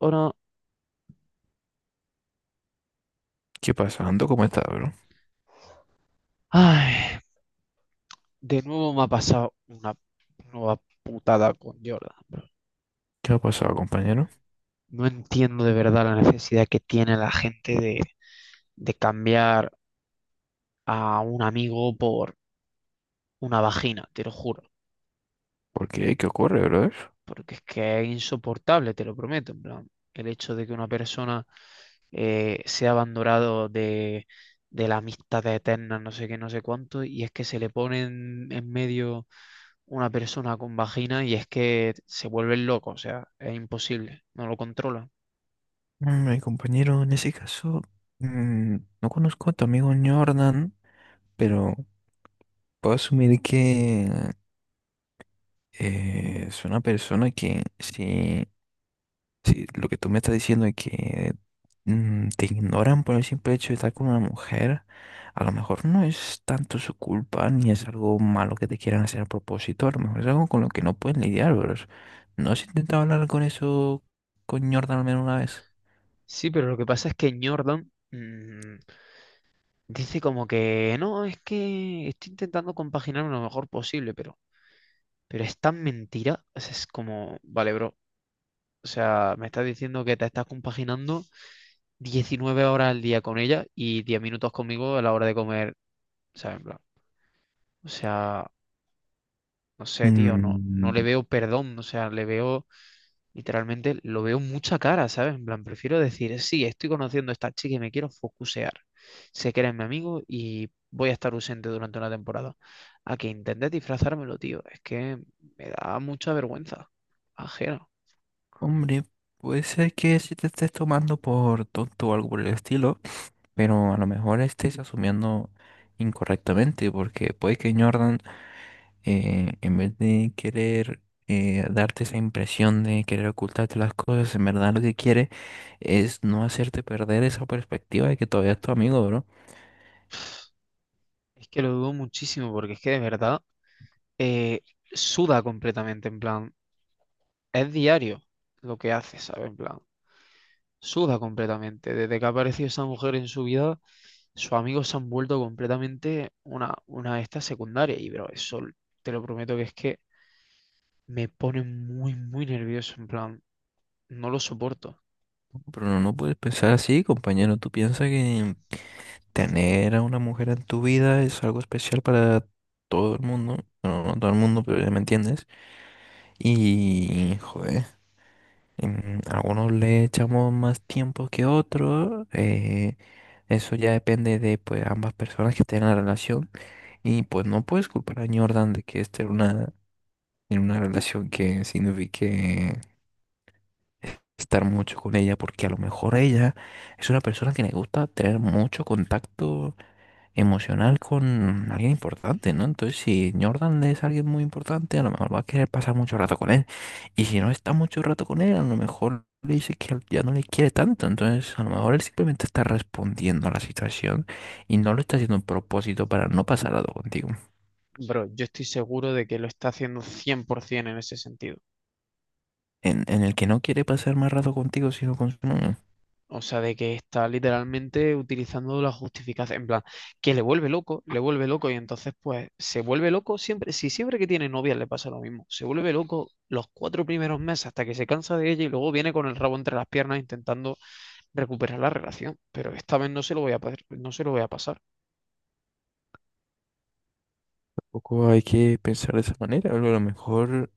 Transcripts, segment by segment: Ahora, ¿Qué pasando? ¿Cómo está, bro? ay, de nuevo me ha pasado una nueva putada con Jordan, bro. ¿Qué ha pasado, compañero? No entiendo de verdad la necesidad que tiene la gente de cambiar a un amigo por una vagina, te lo juro. ¿Por qué? ¿Qué ocurre, brother? Porque es que es insoportable, te lo prometo, en plan, el hecho de que una persona sea abandonado de la amistad eterna, no sé qué, no sé cuánto, y es que se le pone en medio una persona con vagina y es que se vuelven locos, o sea, es imposible, no lo controlan. Mm, mi compañero, en ese caso, mm, no conozco a tu amigo Jordan, pero puedo asumir que es una persona que sí. Sí, lo que tú me estás diciendo es que, te ignoran por el simple hecho de estar con una mujer. A lo mejor no es tanto su culpa ni es algo malo que te quieran hacer a propósito. A lo mejor es algo con lo que no pueden lidiar, pero es- ¿no has intentado hablar con eso con Jordan al menos una vez? Sí, pero lo que pasa es que Jordan dice como que no, es que estoy intentando compaginarme lo mejor posible, pero es tan mentira, o sea, es como, vale, bro. O sea, me estás diciendo que te estás compaginando 19 horas al día con ella y 10 minutos conmigo a la hora de comer, ¿sabes? En plan, o sea, no sé, tío, no Mm, le veo perdón, o sea, le veo, literalmente, lo veo mucha cara, ¿sabes? En plan, prefiero decir, sí, estoy conociendo a esta chica y me quiero focusear. Sé que eres mi amigo y voy a estar ausente durante una temporada. A que intentes disfrazármelo, tío, es que me da mucha vergüenza ajena. hombre, puede ser que si te estés tomando por tonto o algo por el estilo, pero a lo mejor estés asumiendo incorrectamente, porque puede que Jordan en vez de querer darte esa impresión de querer ocultarte las cosas, en verdad lo que quiere es no hacerte perder esa perspectiva de que todavía es tu amigo, bro. Es que lo dudo muchísimo porque es que de verdad eh, suda completamente, en plan, es diario lo que hace, ¿sabes? En plan, suda completamente. Desde que ha aparecido esa mujer en su vida, sus amigos se han vuelto completamente una de estas secundarias. Y, bro, eso te lo prometo que es que me pone muy, muy nervioso, en plan, no lo soporto. Pero no, no puedes pensar así, compañero. Tú piensas que tener a una mujer en tu vida es algo especial para todo el mundo. Bueno, no todo el mundo, pero ya me entiendes. Y, joder, algunos le echamos más tiempo que otros. Eso ya depende de pues ambas personas que estén en la relación. Y pues no puedes culpar a Jordan de que esté en una relación que signifique estar mucho con ella, porque a lo mejor ella es una persona que le gusta tener mucho contacto emocional con alguien importante, ¿no? Entonces, si Jordan es alguien muy importante, a lo mejor va a querer pasar mucho rato con él. Y si no está mucho rato con él, a lo mejor le dice que ya no le quiere tanto. Entonces, a lo mejor él simplemente está respondiendo a la situación y no lo está haciendo a propósito para no pasar rato contigo. Bro, yo estoy seguro de que lo está haciendo 100% en ese sentido. En el que no quiere pasar más rato contigo, sino con su novia. O sea, de que está literalmente utilizando la justificación, en plan, que le vuelve loco y entonces pues se vuelve loco siempre, si siempre que tiene novia le pasa lo mismo, se vuelve loco los cuatro primeros meses hasta que se cansa de ella y luego viene con el rabo entre las piernas intentando recuperar la relación, pero esta vez no se lo voy a, no se lo voy a pasar. Tampoco hay que pensar de esa manera. A lo mejor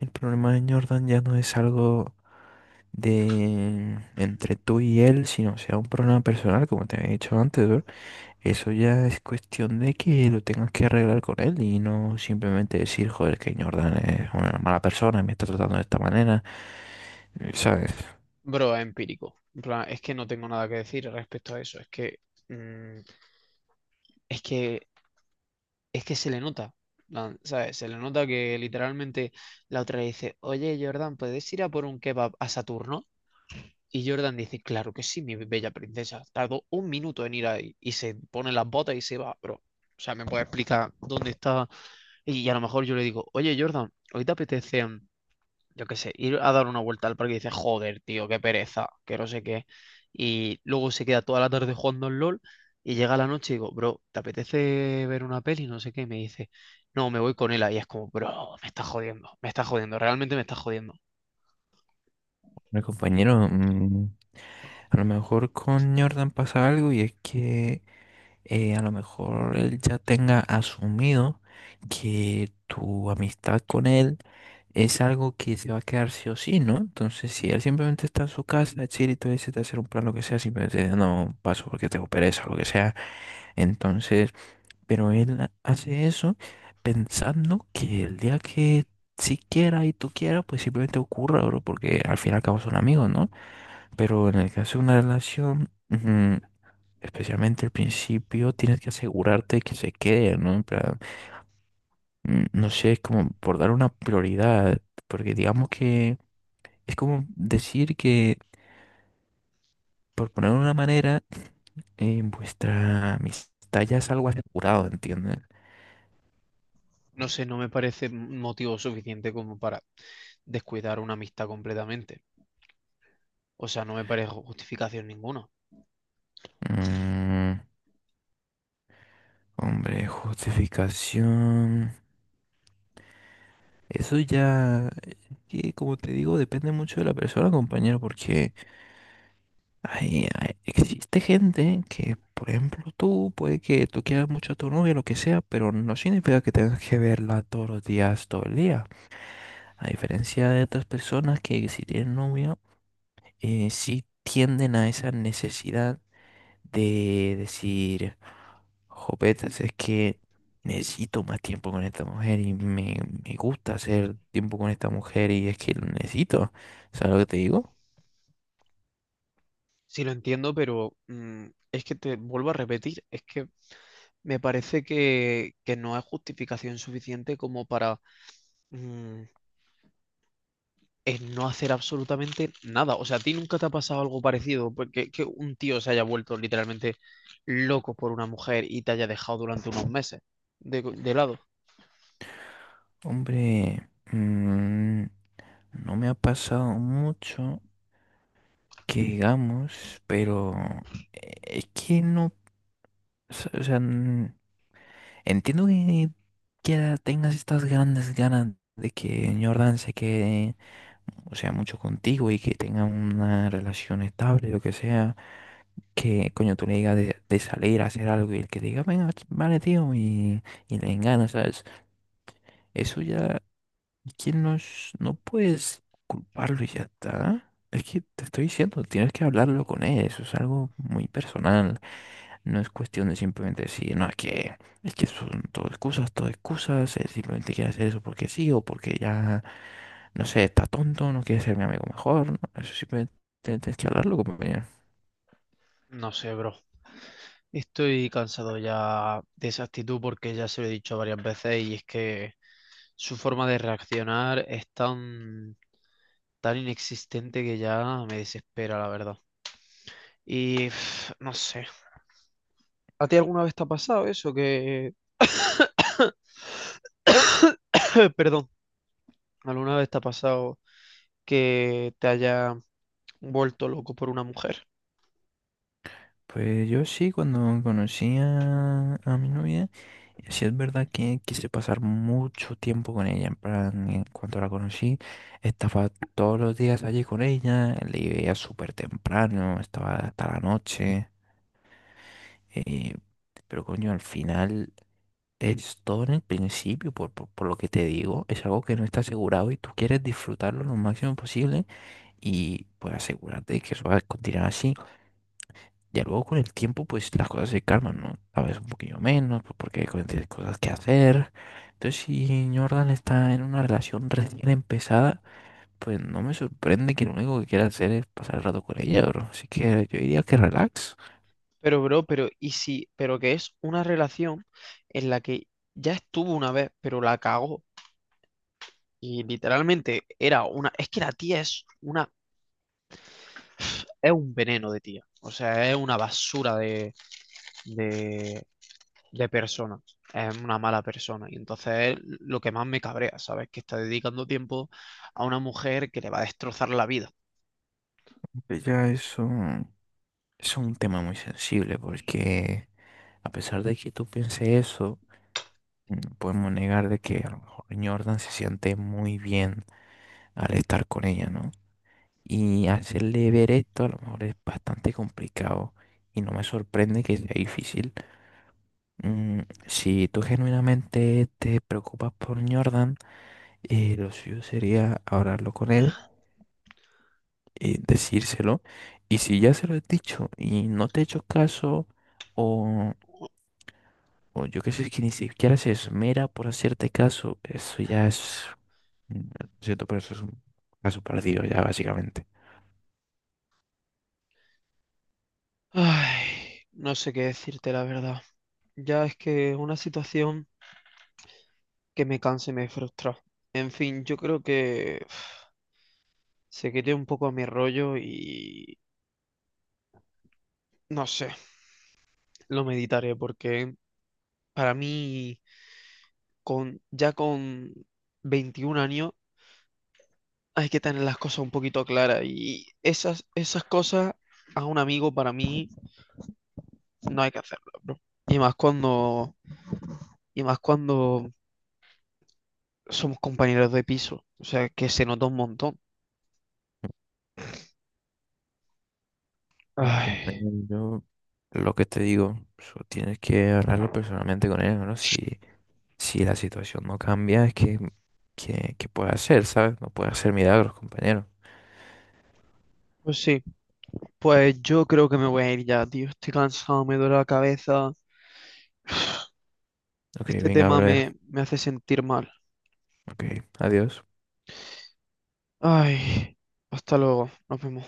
el problema de Jordan ya no es algo de entre tú y él, sino sea un problema personal, como te había dicho antes, bro. Eso ya es cuestión de que lo tengas que arreglar con él y no simplemente decir, joder, que Jordan es una mala persona, me está tratando de esta manera, ¿sabes? Bro, es empírico, en plan, es que no tengo nada que decir respecto a eso, es que, mm, es que es que se le nota, plan, ¿sabes? Se le nota que literalmente la otra le dice, oye Jordan, ¿puedes ir a por un kebab a Saturno? Y Jordan dice, claro que sí, mi bella princesa. Tardó un minuto en ir ahí y se pone las botas y se va, bro. O sea, me puede explicar dónde está. Y a lo mejor yo le digo, oye Jordan, ¿hoy te apetece yo qué sé, ir a dar una vuelta al parque? Y dices, joder, tío, qué pereza, que no sé qué. Y luego se queda toda la tarde jugando al LOL y llega la noche y digo, bro, ¿te apetece ver una peli? No sé qué. Y me dice, no, me voy con él. Y es como, bro, me está jodiendo, realmente me está jodiendo. Mi compañero, a lo mejor con Jordan pasa algo y es que, a lo mejor él ya tenga asumido que tu amistad con él es algo que se va a quedar sí o sí, ¿no? Entonces, si él simplemente está en su casa, chill, y tú decides hacer un plan, lo que sea, simplemente dice, no paso porque tengo pereza, lo que sea. Entonces, pero él ha- hace eso pensando que el día que si quiera y tú quieras, pues simplemente ocurra, bro, porque al fin y al cabo son amigos, ¿no? Pero en el caso de una relación, ujú, especialmente al principio tienes que asegurarte de que se quede, ¿no? En plan, no sé, es como por dar una prioridad, porque digamos que es como decir que, por poner una manera, vuestra amistad ya es algo asegurado, ¿entiendes? No sé, no me parece motivo suficiente como para descuidar una amistad completamente. O sea, no me parece justificación ninguna. Mm, hombre, justificación. Eso ya, que como te digo, depende mucho de la persona, compañero, porque hay- hay- existe gente que, por ejemplo, tú, puede que tú quieras mucho a tu novia, lo que sea, pero no significa que tengas que verla todos los días, todo el día. A diferencia de otras personas que si tienen novia, sí tienden a esa necesidad de decir, jopetas, es que necesito más tiempo con esta mujer y me gusta hacer tiempo con esta mujer y es que lo necesito. ¿Sabes lo que te digo? Sí lo entiendo, pero es que te vuelvo a repetir, es que me parece que no es justificación suficiente como para mm, el no hacer absolutamente nada. O sea, ¿a ti nunca te ha pasado algo parecido? Porque que un tío se haya vuelto literalmente loco por una mujer y te haya dejado durante unos meses de lado. Hombre, no me ha pasado mucho que digamos, pero es que no. S- o sea, entiendo que tengas estas grandes ganas de que Jordan se quede, o sea, mucho contigo y que tenga una relación estable, lo que sea, que coño tú le digas de salir a hacer algo y el que diga, venga, ch- vale, tío, y le ganas, ¿sabes? Eso ya ¿quién nos... No puedes culparlo y ya está. Es que te estoy diciendo, tienes que hablarlo con él. Eso es algo muy personal. No es cuestión de simplemente decir, no, es que son todo excusas, todo excusas. Él simplemente quiere hacer eso porque sí o porque ya, no sé, está tonto, no quiere ser mi amigo mejor, ¿no? Eso simplemente tienes que hablarlo, compañero. No sé, bro. Estoy cansado ya de esa actitud porque ya se lo he dicho varias veces y es que su forma de reaccionar es tan, tan inexistente que ya me desespera, la verdad. Y pf, no sé. ¿A ti alguna vez te ha pasado eso? Que, perdón, ¿alguna vez te ha pasado que te haya vuelto loco por una mujer? Pues yo sí, cuando conocí a mi novia. Sí es verdad que quise pasar mucho tiempo con ella, en plan, en cuanto la conocí, estaba todos los días allí con ella, le veía súper temprano, estaba hasta la noche, eh, pero coño, al final es todo en el principio, por lo que te digo, es algo que no está asegurado y tú quieres disfrutarlo lo máximo posible y pues asegúrate que eso va a continuar así. Ya luego con el tiempo, pues las cosas se calman, ¿no? A veces un poquillo menos, pues porque hay co- tienes cosas que hacer. Entonces, si Jordan está en una relación recién empezada, pues no me sorprende que lo único que quiera hacer es pasar el rato con ella, bro. Así que yo diría que relax. Pero, bro, pero, ¿y si, pero que es una relación en la que ya estuvo una vez, pero la cagó? Y literalmente era una, es que la tía es una, es un veneno de tía. O sea, es una basura de, de persona. Es una mala persona. Y entonces es lo que más me cabrea, ¿sabes? Que está dedicando tiempo a una mujer que le va a destrozar la vida. Ya es un tema muy sensible, porque a pesar de que tú pienses eso, no podemos negar de que a lo mejor Jordan se siente muy bien al estar con ella, ¿no? Y hacerle ver esto a lo mejor es bastante complicado y no me sorprende que sea difícil. Si tú genuinamente te preocupas por Jordan, lo suyo sería hablarlo con él, decírselo. Y si ya se lo has dicho y no te he hecho caso, o, o yo qué sé, que ni siquiera se esmera por hacerte caso, eso ya es, lo siento, pero eso es un caso perdido ya básicamente. Ay, no sé qué decirte la verdad. Ya es que es una situación que me cansa y me frustra. En fin, yo creo que uf, se quite un poco a mi rollo y no sé, lo meditaré porque para mí con ya con 21 años hay que tener las cosas un poquito claras y esas cosas a un amigo para mí no hay que hacerlo, bro. Y más cuando y más cuando somos compañeros de piso, o sea, que se nota un montón. Bueno, Ay, compañero, yo lo que te digo, so- tienes que hablarlo personalmente con él, ¿no? Si, si la situación no cambia, es que puede hacer, ¿sabes? No puede hacer milagros, compañero. pues sí, pues yo creo que me voy a ir ya, tío. Estoy cansado, me duele la cabeza. Ok, Este venga, tema brother. Me hace sentir mal. Ok, adiós. Ay, hasta luego, nos vemos.